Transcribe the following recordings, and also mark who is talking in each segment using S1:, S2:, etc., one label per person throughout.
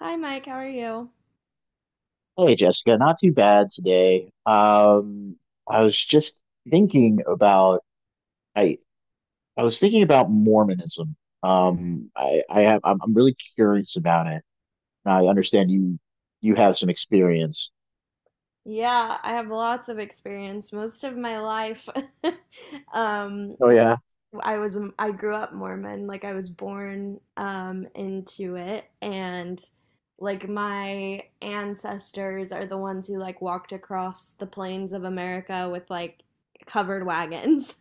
S1: Hi, Mike. How are you?
S2: Hey Jessica, not too bad today. I was just thinking about I I was thinking about Mormonism. I'm really curious about it. And I understand you have some experience.
S1: Yeah, I have lots of experience. Most of my life, um,
S2: Oh yeah.
S1: I was I grew up Mormon. Like I was born into it, and like my ancestors are the ones who like walked across the plains of America with like covered wagons.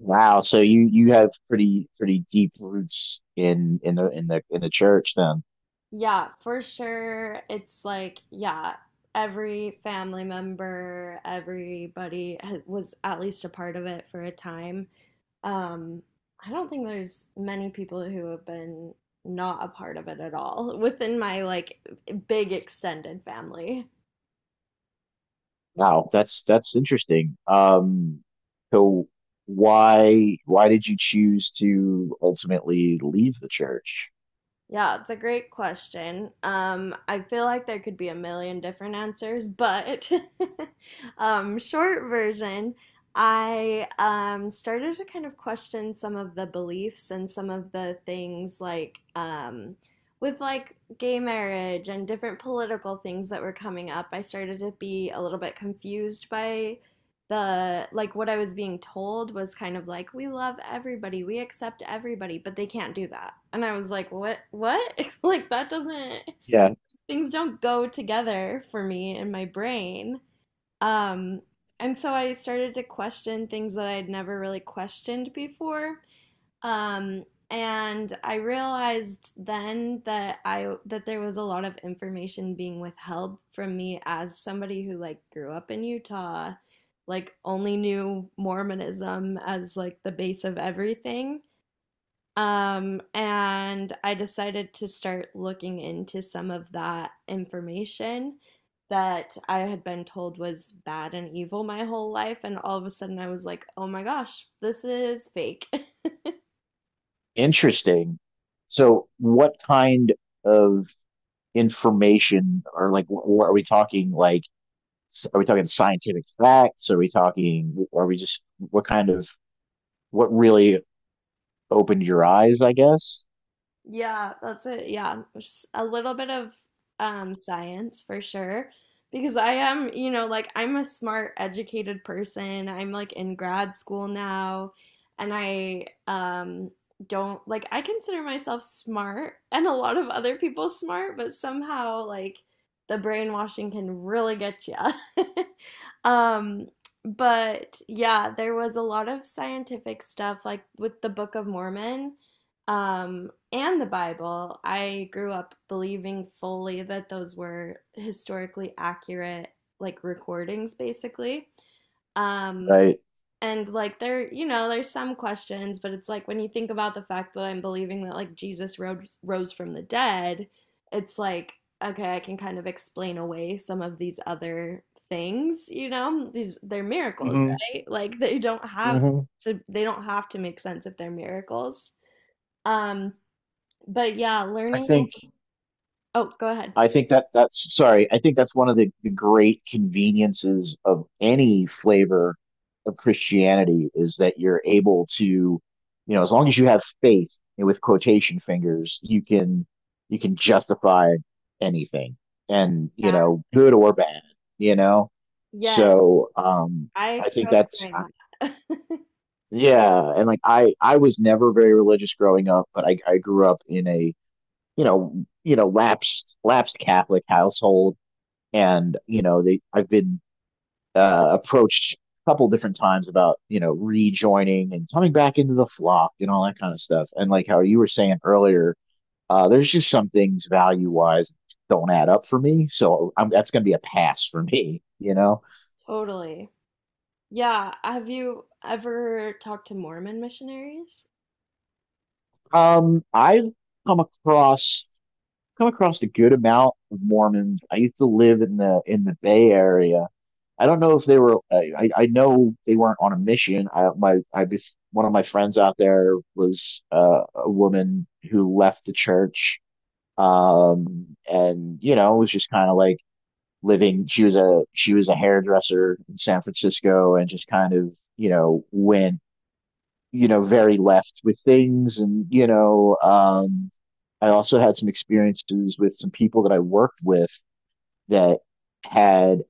S2: Wow, so you have pretty deep roots in the church then.
S1: Yeah, for sure. It's like, yeah, every family member, was at least a part of it for a time. Um, I don't think there's many people who have been not a part of it at all within my like big extended family.
S2: Wow, that's interesting. So why did you choose to ultimately leave the church?
S1: Yeah, it's a great question. I feel like there could be a million different answers, but short version, I started to kind of question some of the beliefs and some of the things like with like gay marriage and different political things that were coming up. I started to be a little bit confused by the like what I was being told was kind of like we love everybody, we accept everybody, but they can't do that. And I was like, "What? What? like that doesn't things don't go together for me in my brain." Um and so I started to question things that I'd never really questioned before. Um, and I realized then that there was a lot of information being withheld from me as somebody who like grew up in Utah, like only knew Mormonism as like the base of everything. And I decided to start looking into some of that information that I had been told was bad and evil my whole life. And all of a sudden I was like, oh my gosh, this is fake.
S2: Interesting. So, what kind of information, or like, what are we talking? Like, are we talking scientific facts? Are we talking? Are we just what kind of what really opened your eyes? I guess,
S1: Yeah, that's it. Yeah, just a little bit of science for sure. Because I am, you know, like I'm a smart, educated person. I'm like in grad school now, and I don't like I consider myself smart and a lot of other people smart, but somehow like the brainwashing can really get you. Um, but yeah, there was a lot of scientific stuff like with the Book of Mormon and the Bible, I grew up believing fully that those were historically accurate, like recordings, basically. Um,
S2: right?
S1: and like there, you know, there's some questions, but it's like when you think about the fact that I'm believing that like Jesus rose from the dead, it's like okay, I can kind of explain away some of these other things, you know? These they're miracles,
S2: Hmm.
S1: right? Like
S2: Hmm.
S1: they don't have to make sense if they're miracles. Um, but yeah,
S2: I
S1: learning.
S2: think
S1: Oh, go ahead.
S2: I think that that's sorry. I think that's one of the great conveniences of any flavor of Christianity is that you're able to, you know, as long as you have faith and with quotation fingers, you can justify anything and, you know,
S1: Exactly.
S2: good or bad, you know?
S1: Yes,
S2: So,
S1: I
S2: I
S1: grew
S2: think
S1: up
S2: that's
S1: doing that.
S2: yeah, and like I was never very religious growing up, but I grew up in a, lapsed Catholic household, and you know they I've been approached a couple different times about, you know, rejoining and coming back into the flock and all that kind of stuff. And like how you were saying earlier, there's just some things value wise don't add up for me, so that's going to be a pass for me. You know,
S1: Totally. Yeah. Have you ever talked to Mormon missionaries?
S2: I've come across come across a good amount of Mormons. I used to live in the Bay Area. I don't know if they were. I know they weren't on a mission. I my I bef- One of my friends out there was a woman who left the church, and you know was just kind of like living. She was a hairdresser in San Francisco, and just kind of, you know, went, you know, very left with things, and you know. I also had some experiences with some people that I worked with that had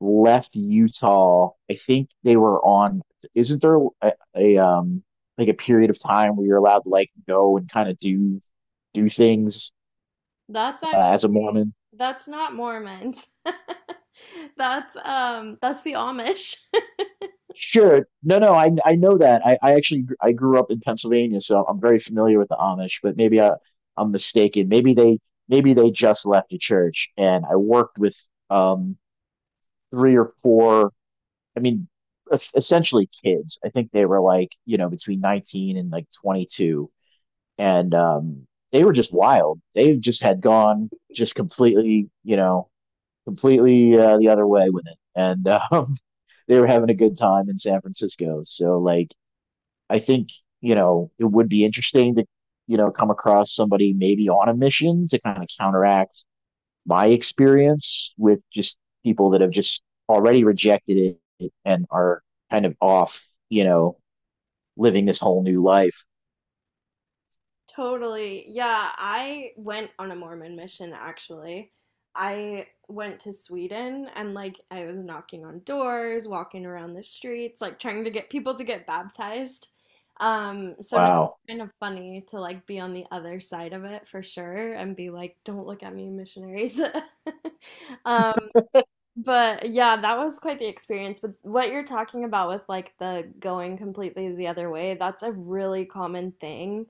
S2: left Utah. I think they were on, isn't there a, a like a period of time where you're allowed to like go and kind of do things
S1: That's actually
S2: as a Mormon?
S1: that's not Mormons. That's the Amish.
S2: Sure. No, no, I know that. I actually gr- I grew up in Pennsylvania, so I'm very familiar with the Amish, but maybe I I'm mistaken. Maybe they just left the church, and I worked with um three or four, I mean, essentially kids. I think they were like, you know, between 19 and like 22, and they were just wild. They just had gone just completely, you know, completely the other way with it, and they were having a good time in San Francisco. So, like, I think, you know, it would be interesting to, you know, come across somebody maybe on a mission to kind of counteract my experience with just people that have just already rejected it and are kind of off, you know, living this whole new life.
S1: Totally. Yeah, I went on a Mormon mission actually. I went to Sweden and like I was knocking on doors, walking around the streets, like trying to get people to get baptized. So now
S2: Wow,
S1: it's kind of funny to like be on the other side of it for sure and be like, don't look at me, missionaries. Um, but yeah, that was quite the experience. But what you're talking about with like the going completely the other way, that's a really common thing.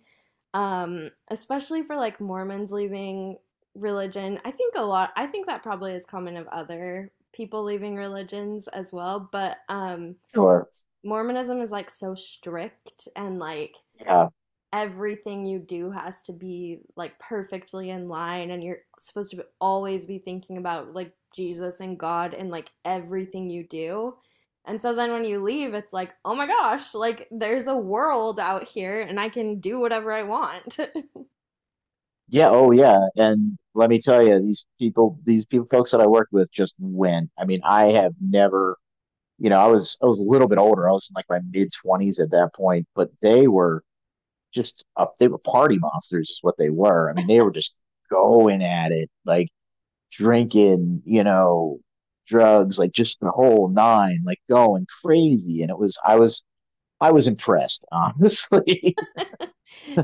S1: Especially for like Mormons leaving religion. I think a lot, I think that probably is common of other people leaving religions as well. But
S2: sure,
S1: Mormonism is like so strict and like
S2: yeah.
S1: everything you do has to be like perfectly in line and you're supposed to always be thinking about like Jesus and God and like everything you do. And so then when you leave it's like, "Oh my gosh, like there's a world out here and I can do whatever I want."
S2: Yeah, oh yeah. And let me tell you, these people, folks that I worked with just went. I mean, I have never, you know, I was a little bit older. I was in like my mid twenties at that point, but they were just up, they were party monsters is what they were. I mean, they were just going at it, like drinking, you know, drugs, like just the whole nine, like going crazy. And it was I was I was impressed, honestly.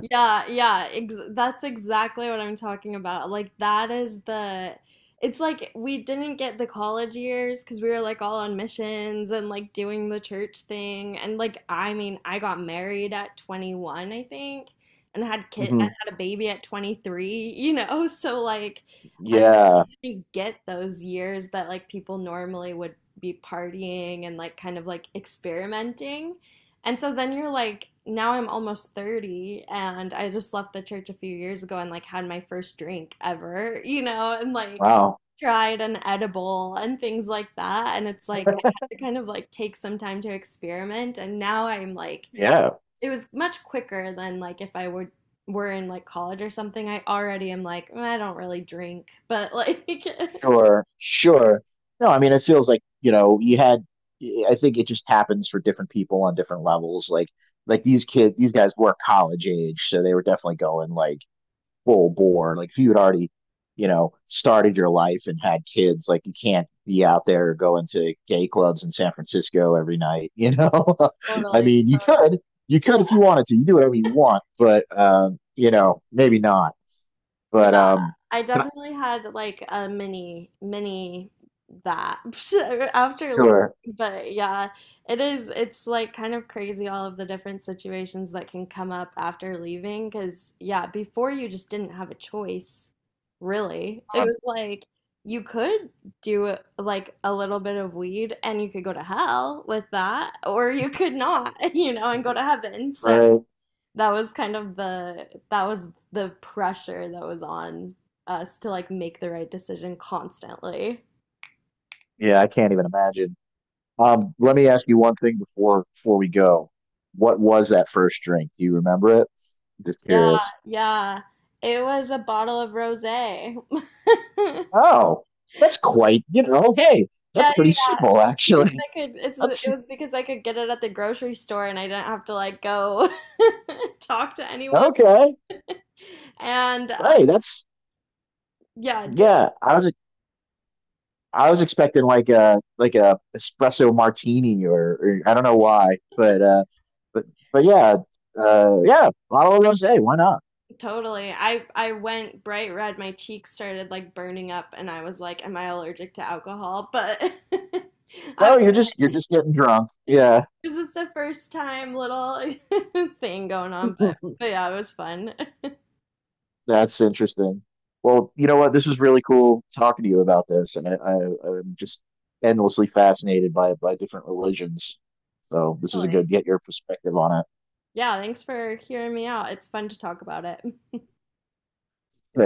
S1: Yeah, yeah, ex that's exactly what I'm talking about. Like that is the it's like we didn't get the college years because we were like all on missions and like doing the church thing and like I mean, I got married at 21, I think, and had kid and
S2: Hmm.
S1: had a baby at 23, you know? So like I
S2: Yeah.
S1: didn't get those years that like people normally would be partying and like kind of like experimenting. And so then you're like, now I'm almost 30 and I just left the church a few years ago and like had my first drink ever, you know, and like
S2: Wow.
S1: tried an edible and things like that. And it's like, I had to kind of like take some time to experiment. And now I'm like,
S2: Yeah.
S1: it was much quicker than like if I were in like college or something. I already am like, "Mm, I don't really drink, but like
S2: Sure, sure. No, I mean, it feels like, you know, I think it just happens for different people on different levels. Like these kids, these guys were college age, so they were definitely going like full bore. Like, if you had already, you know, started your life and had kids, like, you can't be out there going to gay clubs in San Francisco every night, you know? I
S1: totally,
S2: mean,
S1: totally.
S2: you could if you wanted to, you do whatever you want, but, you know, maybe not.
S1: Yeah,
S2: But,
S1: I
S2: Can I,
S1: definitely had like a mini that after leaving.
S2: sure.
S1: But yeah, it is it's like kind of crazy all of the different situations that can come up after leaving because yeah, before you just didn't have a choice, really. It
S2: Um,
S1: was like you could like a little bit of weed and you could go to hell with that, or you could not, you know, and go to heaven. So
S2: right.
S1: that was the pressure that was on us to like make the right decision constantly.
S2: Yeah, I can't even imagine. Let me ask you one thing before we go. What was that first drink? Do you remember it? Just
S1: Yeah,
S2: curious.
S1: yeah. It was a bottle of rosé.
S2: Oh, that's quite, you know, okay. That's
S1: Yeah,
S2: pretty
S1: yeah, yeah.
S2: simple,
S1: Because
S2: actually.
S1: I could it's
S2: That's
S1: it was because I could get it at the grocery store and I didn't have to like go talk to anyone.
S2: okay.
S1: And
S2: Hey, that's
S1: yeah,
S2: yeah. I was expecting like a espresso martini, or I don't know why, but but but yeah, yeah, bottle of rosé. Why not?
S1: Totally. I went bright red. My cheeks started like burning up, and I was like, "Am I allergic to alcohol?" But I
S2: No,
S1: was,
S2: you're just getting drunk. Yeah.
S1: it was just a first time little thing going on. But but yeah, it was fun.
S2: That's interesting. Well, you know what? This was really cool talking to you about this, and, I'm just endlessly fascinated by different religions. So this was a
S1: Totally.
S2: good get your perspective on
S1: Yeah, thanks for hearing me out. It's fun to talk about it.
S2: it.